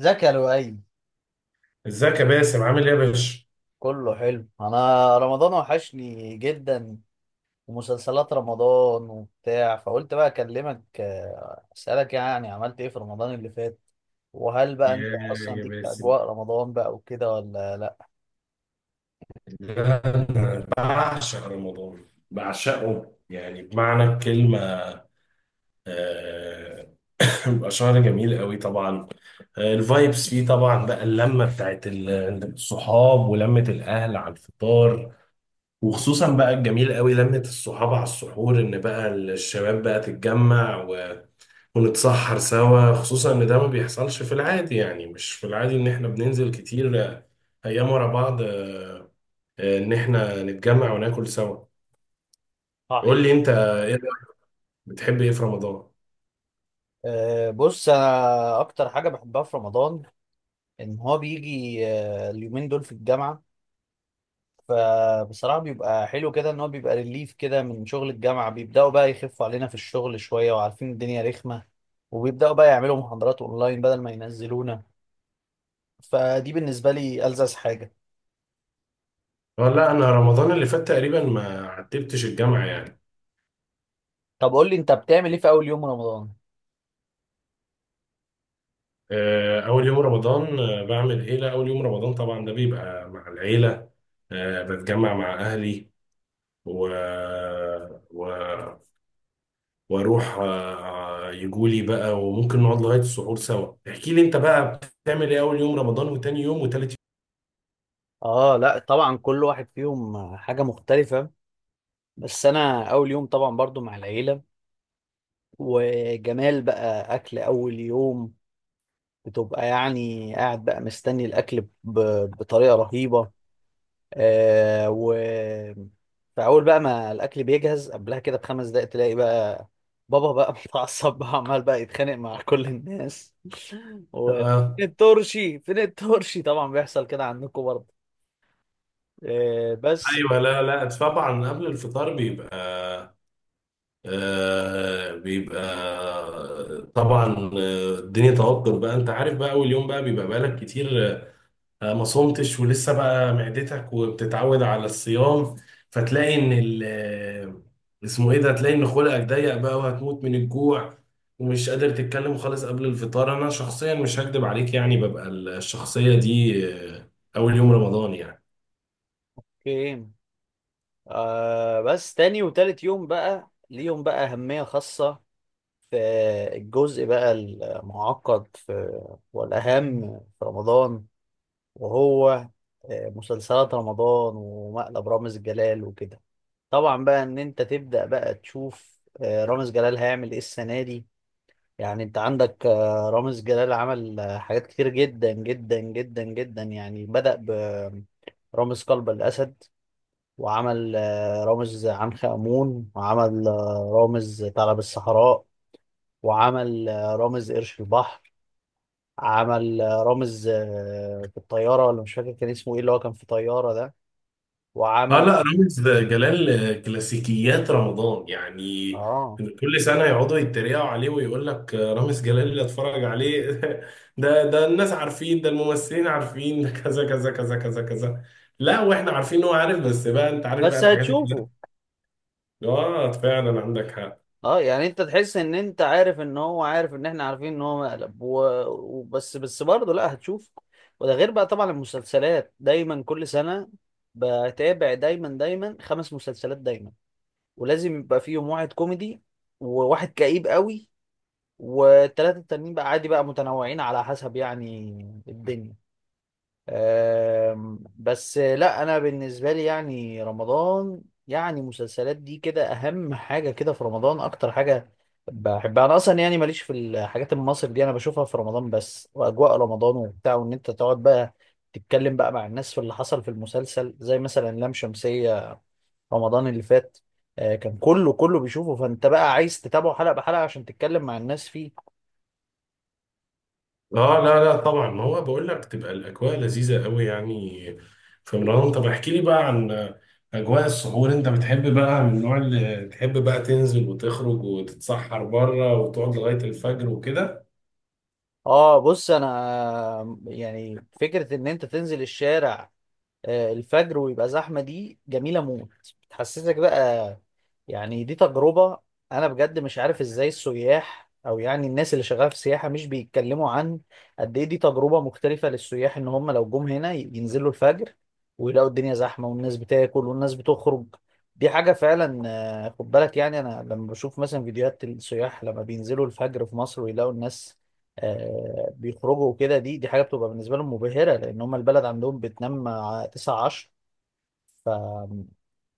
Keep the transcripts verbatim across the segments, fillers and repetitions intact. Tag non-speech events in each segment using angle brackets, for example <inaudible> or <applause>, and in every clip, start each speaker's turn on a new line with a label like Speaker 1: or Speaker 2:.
Speaker 1: ازيك يا لؤي؟
Speaker 2: ازيك يا باسم؟ عامل ايه يا باشا؟
Speaker 1: كله حلو. انا رمضان وحشني جدا ومسلسلات رمضان وبتاع، فقلت بقى اكلمك، آه، اسالك يعني عملت ايه في رمضان اللي فات، وهل بقى انت
Speaker 2: يا
Speaker 1: اصلا
Speaker 2: يا
Speaker 1: ليك في
Speaker 2: باسم
Speaker 1: اجواء رمضان بقى وكده ولا لا؟
Speaker 2: ده انا بعشق رمضان. بعشقه يعني بمعنى الكلمة. آه، <laughs> بيبقى شهر جميل قوي طبعا. آه، الفايبس فيه طبعا، بقى اللمة بتاعت ال- الصحاب ولمة الأهل على الفطار. وخصوصا بقى الجميل قوي لمة الصحاب على السحور، إن بقى الشباب بقى تتجمع ونتسحر سوا، خصوصا ان ده ما بيحصلش في العادي، يعني مش في العادي ان احنا بننزل كتير آه، ايام ورا بعض، آه، آه، ان احنا نتجمع وناكل سوا. قول
Speaker 1: صحيح.
Speaker 2: لي انت ايه رأيك؟ بتحب ايه في رمضان؟
Speaker 1: أه بص، انا اكتر حاجه بحبها في رمضان ان هو بيجي أه اليومين دول في الجامعه. فبصراحة بيبقى حلو كده ان هو بيبقى ريليف كده من شغل الجامعة، بيبدأوا بقى يخفوا علينا في الشغل شوية، وعارفين الدنيا رخمة، وبيبدأوا بقى يعملوا محاضرات اونلاين بدل ما ينزلونا. فدي بالنسبة لي ألذذ حاجة.
Speaker 2: اه، لا انا رمضان اللي فات تقريبا ما عتبتش الجامعة يعني.
Speaker 1: طب قول لي انت بتعمل ايه في اول يوم رمضان؟
Speaker 2: آه، اول يوم رمضان، آه، بعمل ايه؟ لا اول يوم رمضان طبعا ده بيبقى مع العيلة. آه، بتجمع مع اهلي و... و... واروح آه، يجولي بقى، وممكن نقعد لغايه السحور سوا. احكي لي انت بقى بتعمل ايه اول يوم رمضان وتاني يوم وتالت
Speaker 1: اه، لا طبعا كل واحد فيهم حاجة مختلفة. بس انا اول يوم طبعا برضو مع العيلة. وجمال بقى اكل اول يوم، بتبقى يعني قاعد بقى مستني الاكل ب- بطريقة رهيبة. آه و فاول بقى ما الاكل بيجهز قبلها كده بخمس دقايق، تلاقي بقى بابا بقى <laughs> متعصب بقى عمال بقى يتخانق مع كل الناس. <laughs>
Speaker 2: يوم.
Speaker 1: و فين
Speaker 2: آه.
Speaker 1: الترشي فين الترشي، طبعا بيحصل كده عندكم برضه. آه بس.
Speaker 2: ايوه، لا لا طبعا قبل الفطار بيبقى، آه بيبقى طبعا، آه، الدنيا توتر بقى، انت عارف بقى اول يوم بقى بيبقى بقالك كتير آه، ما صمتش، ولسه بقى معدتك وبتتعود على الصيام، فتلاقي ان ال آه، اسمه ايه ده، تلاقي ان خلقك ضيق بقى وهتموت من الجوع ومش قادر تتكلم خالص قبل الفطار. انا شخصيا مش هكدب عليك، يعني ببقى الشخصية دي آه، اول يوم رمضان يعني.
Speaker 1: اوكي. آه، بس تاني وتالت يوم بقى ليهم بقى أهمية خاصة في الجزء بقى المعقد في والأهم في رمضان. وهو آه، مسلسلات رمضان ومقلب رامز جلال وكده. طبعا بقى ان انت تبدأ بقى تشوف آه، رامز جلال هيعمل ايه السنة دي. يعني انت عندك آه، رامز جلال عمل آه، حاجات كتير جدا جدا جدا جدا. يعني بدأ برامز قلب الأسد، وعمل آه، رامز عنخ آمون، وعمل آه، رامز ثعلب الصحراء، وعمل آه، رامز قرش البحر. عمل آه، رامز آه، في الطيارة، ولا مش فاكر كان اسمه ايه، اللي هو كان في طيارة ده.
Speaker 2: اه،
Speaker 1: وعمل.
Speaker 2: لا رامز جلال كلاسيكيات رمضان يعني.
Speaker 1: اه
Speaker 2: كل سنة يقعدوا يتريقوا عليه ويقول لك رامز جلال اللي اتفرج عليه <laughs> ده ده الناس عارفين، ده الممثلين عارفين، ده كذا كذا كذا كذا كذا. لا، واحنا عارفين ان هو عارف، بس بقى انت عارف بقى
Speaker 1: بس
Speaker 2: الحاجات
Speaker 1: هتشوفه.
Speaker 2: الكلاسيكية. اه فعلا عندك حق.
Speaker 1: اه يعني انت تحس ان انت عارف ان هو عارف ان احنا عارفين ان هو مقلب و... وبس بس برضه، لا هتشوف. وده غير بقى طبعا المسلسلات، دايما كل سنة بتابع دايما دايما خمس مسلسلات دايما. ولازم يبقى فيهم واحد كوميدي، وواحد كئيب قوي، والتلاتة التانيين بقى عادي بقى متنوعين على حسب يعني الدنيا. آم، بس لا انا بالنسبه لي يعني رمضان، يعني مسلسلات دي كده اهم حاجه كده في رمضان. اكتر حاجه بحبها انا اصلا، يعني ماليش في الحاجات المصري دي، انا بشوفها في رمضان بس. واجواء رمضان وبتاع، وان انت تقعد بقى تتكلم بقى مع الناس في اللي حصل في المسلسل، زي مثلا لام شمسيه رمضان اللي فات. آه، كان كله كله بيشوفه، فانت بقى عايز تتابعه حلقه بحلقه عشان تتكلم مع الناس فيه.
Speaker 2: اه لا لا طبعا، ما هو بقول لك تبقى الاجواء لذيذه قوي يعني في رمضان. طب احكي لي بقى عن اجواء السحور. انت بتحب بقى من النوع اللي تحب بقى تنزل وتخرج وتتسحر بره وتقعد لغايه الفجر وكده؟
Speaker 1: اه بص انا، آه، يعني فكره ان انت تنزل الشارع آه، الفجر ويبقى زحمة، دي جميلة موت. بتحسسك بقى يعني دي تجربة. أنا بجد مش عارف إزاي السياح أو يعني الناس اللي شغالة في السياحة مش بيتكلموا عن قد إيه دي تجربة مختلفة للسياح، إن هم لو جم هنا ينزلوا الفجر ويلاقوا الدنيا زحمة والناس بتاكل والناس بتخرج. دي حاجة فعلا. آه، خد بالك يعني، أنا لما بشوف مثلا فيديوهات السياح لما بينزلوا الفجر في مصر ويلاقوا الناس آه، بيخرجوا وكده، دي دي حاجة بتبقى بالنسبة لهم مبهرة، لأن هم البلد عندهم بتنام آه، تسعة عشرة.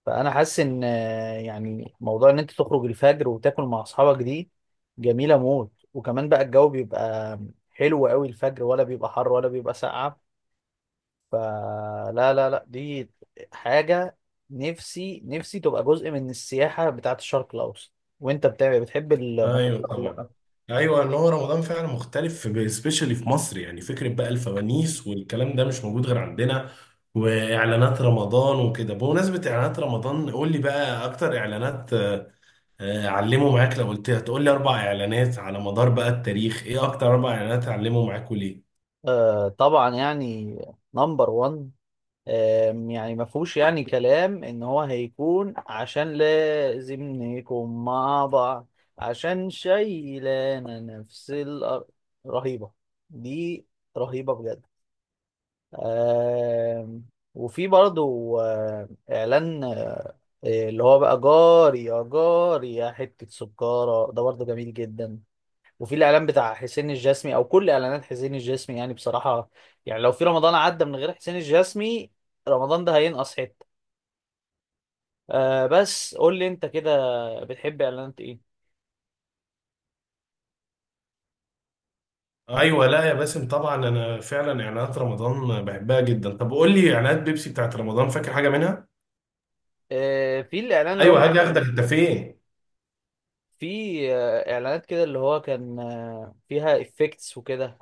Speaker 1: فانا حاسس ان آه، يعني موضوع ان انت تخرج الفجر وتاكل مع اصحابك دي جميله موت. وكمان بقى الجو بيبقى حلو قوي الفجر، ولا بيبقى حر ولا بيبقى ساقعه. فلا لا لا لا، دي حاجه نفسي نفسي تبقى جزء من السياحه بتاعه الشرق الاوسط. وانت بتاع بتحب المنطقه
Speaker 2: ايوه
Speaker 1: ولا
Speaker 2: طبعا.
Speaker 1: لا؟
Speaker 2: ايوه ان هو رمضان فعلا مختلف، سبيشالي في مصر. يعني فكره بقى الفوانيس والكلام ده مش موجود غير عندنا، واعلانات رمضان وكده. بمناسبه اعلانات رمضان، قول لي بقى اكتر اعلانات آه، علموا معاك. لو قلت هتقول لي اربع اعلانات على مدار بقى التاريخ، ايه اكتر اربع اعلانات علموا معاك وليه؟
Speaker 1: آه طبعا، يعني نمبر واحد. آم، يعني ما فيهوش يعني كلام ان هو هيكون عشان لازم نكون مع بعض، عشان شايلانا نفس الارض. رهيبة، دي رهيبة بجد. آم، وفي برضو آه، اعلان آه، اللي هو بقى جاري يا جاري يا حتة سكارة ده، برضو جميل جدا. وفي الاعلان بتاع حسين الجسمي، او كل اعلانات حسين الجسمي يعني بصراحه، يعني لو في رمضان عدى من غير حسين الجسمي، رمضان ده هينقص حته. آه بس قول لي انت كده، بتحب اعلانات ايه؟
Speaker 2: ايوه لا يا باسم، طبعا انا فعلا اعلانات رمضان بحبها جدا. طب قول لي اعلانات بيبسي بتاعت رمضان، فاكر حاجه منها؟
Speaker 1: آه، في الاعلان اللي هم
Speaker 2: ايوه، هاجي اخدك انت فين.
Speaker 1: في آه، اعلانات كده اللي هو كان آه، فيها افكتس وكده،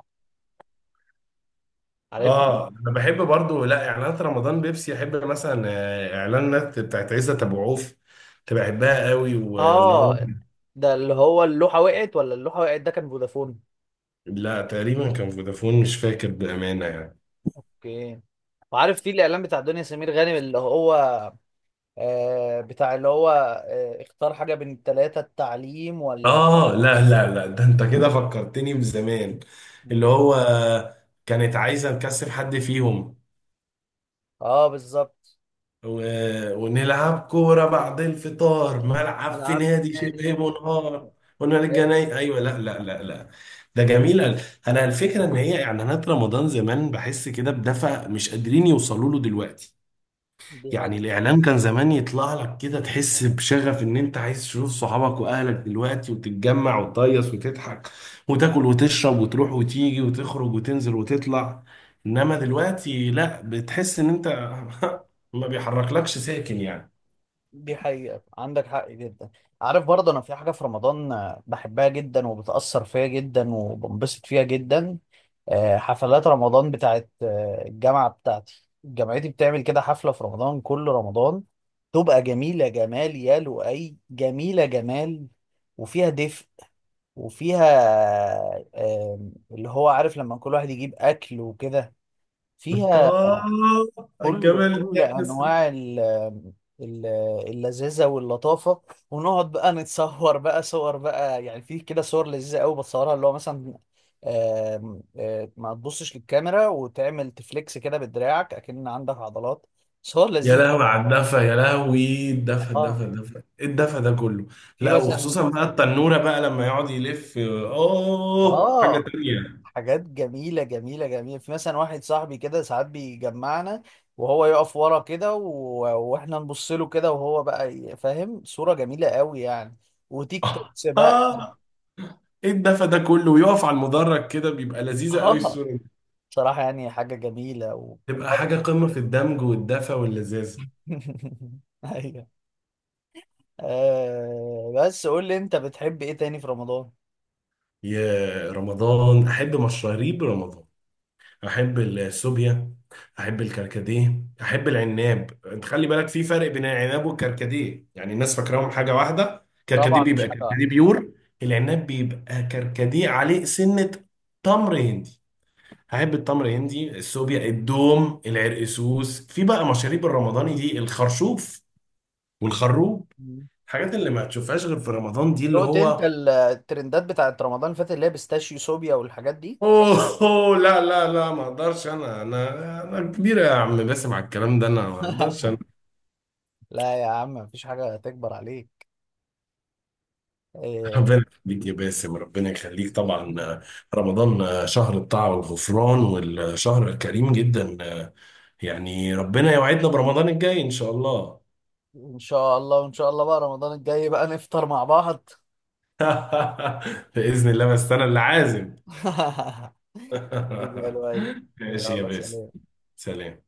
Speaker 1: عارف.
Speaker 2: اه انا بحب برضو، لا اعلانات رمضان بيبسي احب مثلا آه، اعلانات بتاعت عزت ابو عوف، كنت بحبها قوي وان هو.
Speaker 1: اه، ده اللي هو اللوحه وقعت ولا اللوحه وقعت، ده كان فودافون.
Speaker 2: لا تقريبا كان فودافون، مش فاكر بامانه يعني.
Speaker 1: اوكي. وعارف في الاعلان بتاع دنيا سمير غانم، اللي هو آه، بتاع اللي هو آه، اختار حاجة بين التلاتة، التعليم ولا.
Speaker 2: اه لا لا لا، ده انت كده فكرتني بزمان، اللي هو كانت عايزه نكسب حد فيهم،
Speaker 1: اه بالظبط.
Speaker 2: و... ونلعب كوره بعد الفطار ملعب في
Speaker 1: العاب،
Speaker 2: نادي
Speaker 1: يعني
Speaker 2: شبه
Speaker 1: شيء منهم.
Speaker 2: منهار، ونرجع
Speaker 1: جامد.
Speaker 2: ناي. ايوه لا لا لا لا. ده جميل أوي. انا الفكره ان هي اعلانات رمضان زمان بحس كده بدفع مش قادرين يوصلوا له دلوقتي.
Speaker 1: دي
Speaker 2: يعني
Speaker 1: حقيقة.
Speaker 2: الإعلام كان زمان يطلع لك كده تحس بشغف إن أنت عايز تشوف صحابك وأهلك دلوقتي وتتجمع وتهيص وتضحك وتاكل وتشرب وتروح وتيجي وتخرج وتنزل وتطلع. إنما دلوقتي لأ، بتحس إن أنت <laughs> ما بيحركلكش ساكن يعني.
Speaker 1: دي حقيقة، عندك حق جدا. عارف برضه أنا في حاجة في رمضان آه، بحبها جدا وبتأثر فيا جدا وبنبسط فيها جدا. آه، حفلات رمضان بتاعت آه، الجامعة بتاعتي، جامعتي بتعمل كده حفلة في رمضان كل رمضان. تبقى جميلة جمال يا لؤي، جميلة جمال. وفيها دفء، وفيها آم، اللي هو عارف لما كل واحد يجيب أكل وكده. فيها
Speaker 2: آه،
Speaker 1: كل
Speaker 2: الجمال ده
Speaker 1: كل
Speaker 2: يا باسم.
Speaker 1: أنواع ال- ال- اللذاذة واللطافة. ونقعد بقى نتصور بقى صور بقى، يعني في كده صور لذيذة قوي بتصورها، اللي هو مثلا آم، آه، ما تبصش للكاميرا وتعمل تفليكس كده بدراعك، أكن عندك عضلات. صور
Speaker 2: يا
Speaker 1: لذيذة.
Speaker 2: لهوي على الدفا، يا لهوي الدفا
Speaker 1: اه،
Speaker 2: الدفا الدفا، إيه الدفا ده كله.
Speaker 1: في
Speaker 2: لا
Speaker 1: مثلا.
Speaker 2: وخصوصا بقى التنورة بقى لما يقعد يلف، آه حاجة
Speaker 1: اه،
Speaker 2: تانية.
Speaker 1: حاجات جميلة جميلة جميلة، في مثلا واحد صاحبي كده ساعات بيجمعنا وهو يقف ورا كده و... واحنا نبص له كده، وهو بقى ي- فاهم. صورة جميلة قوي يعني، وتيك
Speaker 2: <laughs>
Speaker 1: توكس بقى.
Speaker 2: آه، ايه الدفى ده كله، ويقف على المدرج كده، بيبقى لذيذة قوي
Speaker 1: اه
Speaker 2: الصورة دي.
Speaker 1: صراحة يعني حاجة جميلة
Speaker 2: تبقى حاجة
Speaker 1: ومرة.
Speaker 2: قمة في الدمج والدفى واللذاذة.
Speaker 1: <laughs> ايوه. آه بس قول لي انت بتحب ايه تاني في رمضان؟
Speaker 2: يا رمضان، احب مشاريب رمضان. احب السوبيا، احب الكركديه، احب العناب. انت خلي بالك في فرق بين العناب والكركديه، يعني الناس فاكراهم حاجة واحدة. كركديه
Speaker 1: طبعا مش
Speaker 2: بيبقى
Speaker 1: حاجة واحدة.
Speaker 2: كركديه بيور، العناب بيبقى كركديه عليه سنة. تمر هندي، احب التمر هندي، السوبيا، الدوم، العرقسوس، في بقى مشاريب الرمضاني دي، الخرشوف والخروب،
Speaker 1: مم.
Speaker 2: الحاجات اللي ما تشوفهاش غير في رمضان دي اللي
Speaker 1: دقت انت
Speaker 2: هو.
Speaker 1: ال- الترندات بتاعت رمضان اللي فات اللي هي بيستاشيو صوبيا والحاجات دي.
Speaker 2: اوه، أوه، لا لا لا ما اقدرش انا، انا انا كبيره يا عم باسم على الكلام ده، انا ما اقدرش انا.
Speaker 1: <laughs> لا يا عم، مفيش حاجة تكبر عليك.
Speaker 2: <laughs>
Speaker 1: آه،
Speaker 2: ربنا يخليك يا باسم، ربنا يخليك طبعا. رمضان شهر الطاعه والغفران والشهر الكريم جدا، يعني ربنا يوعدنا برمضان الجاي ان شاء الله.
Speaker 1: ان شاء الله، وان شاء الله بقى رمضان الجاي بقى نفطر مع بعض.
Speaker 2: <laughs> باذن الله بس انا اللي عازم.
Speaker 1: <laughs> حبيبي. حبيبي يا
Speaker 2: <laughs>
Speaker 1: لؤي.
Speaker 2: ماشي يا
Speaker 1: يلا
Speaker 2: باسم.
Speaker 1: سلام.
Speaker 2: سلام.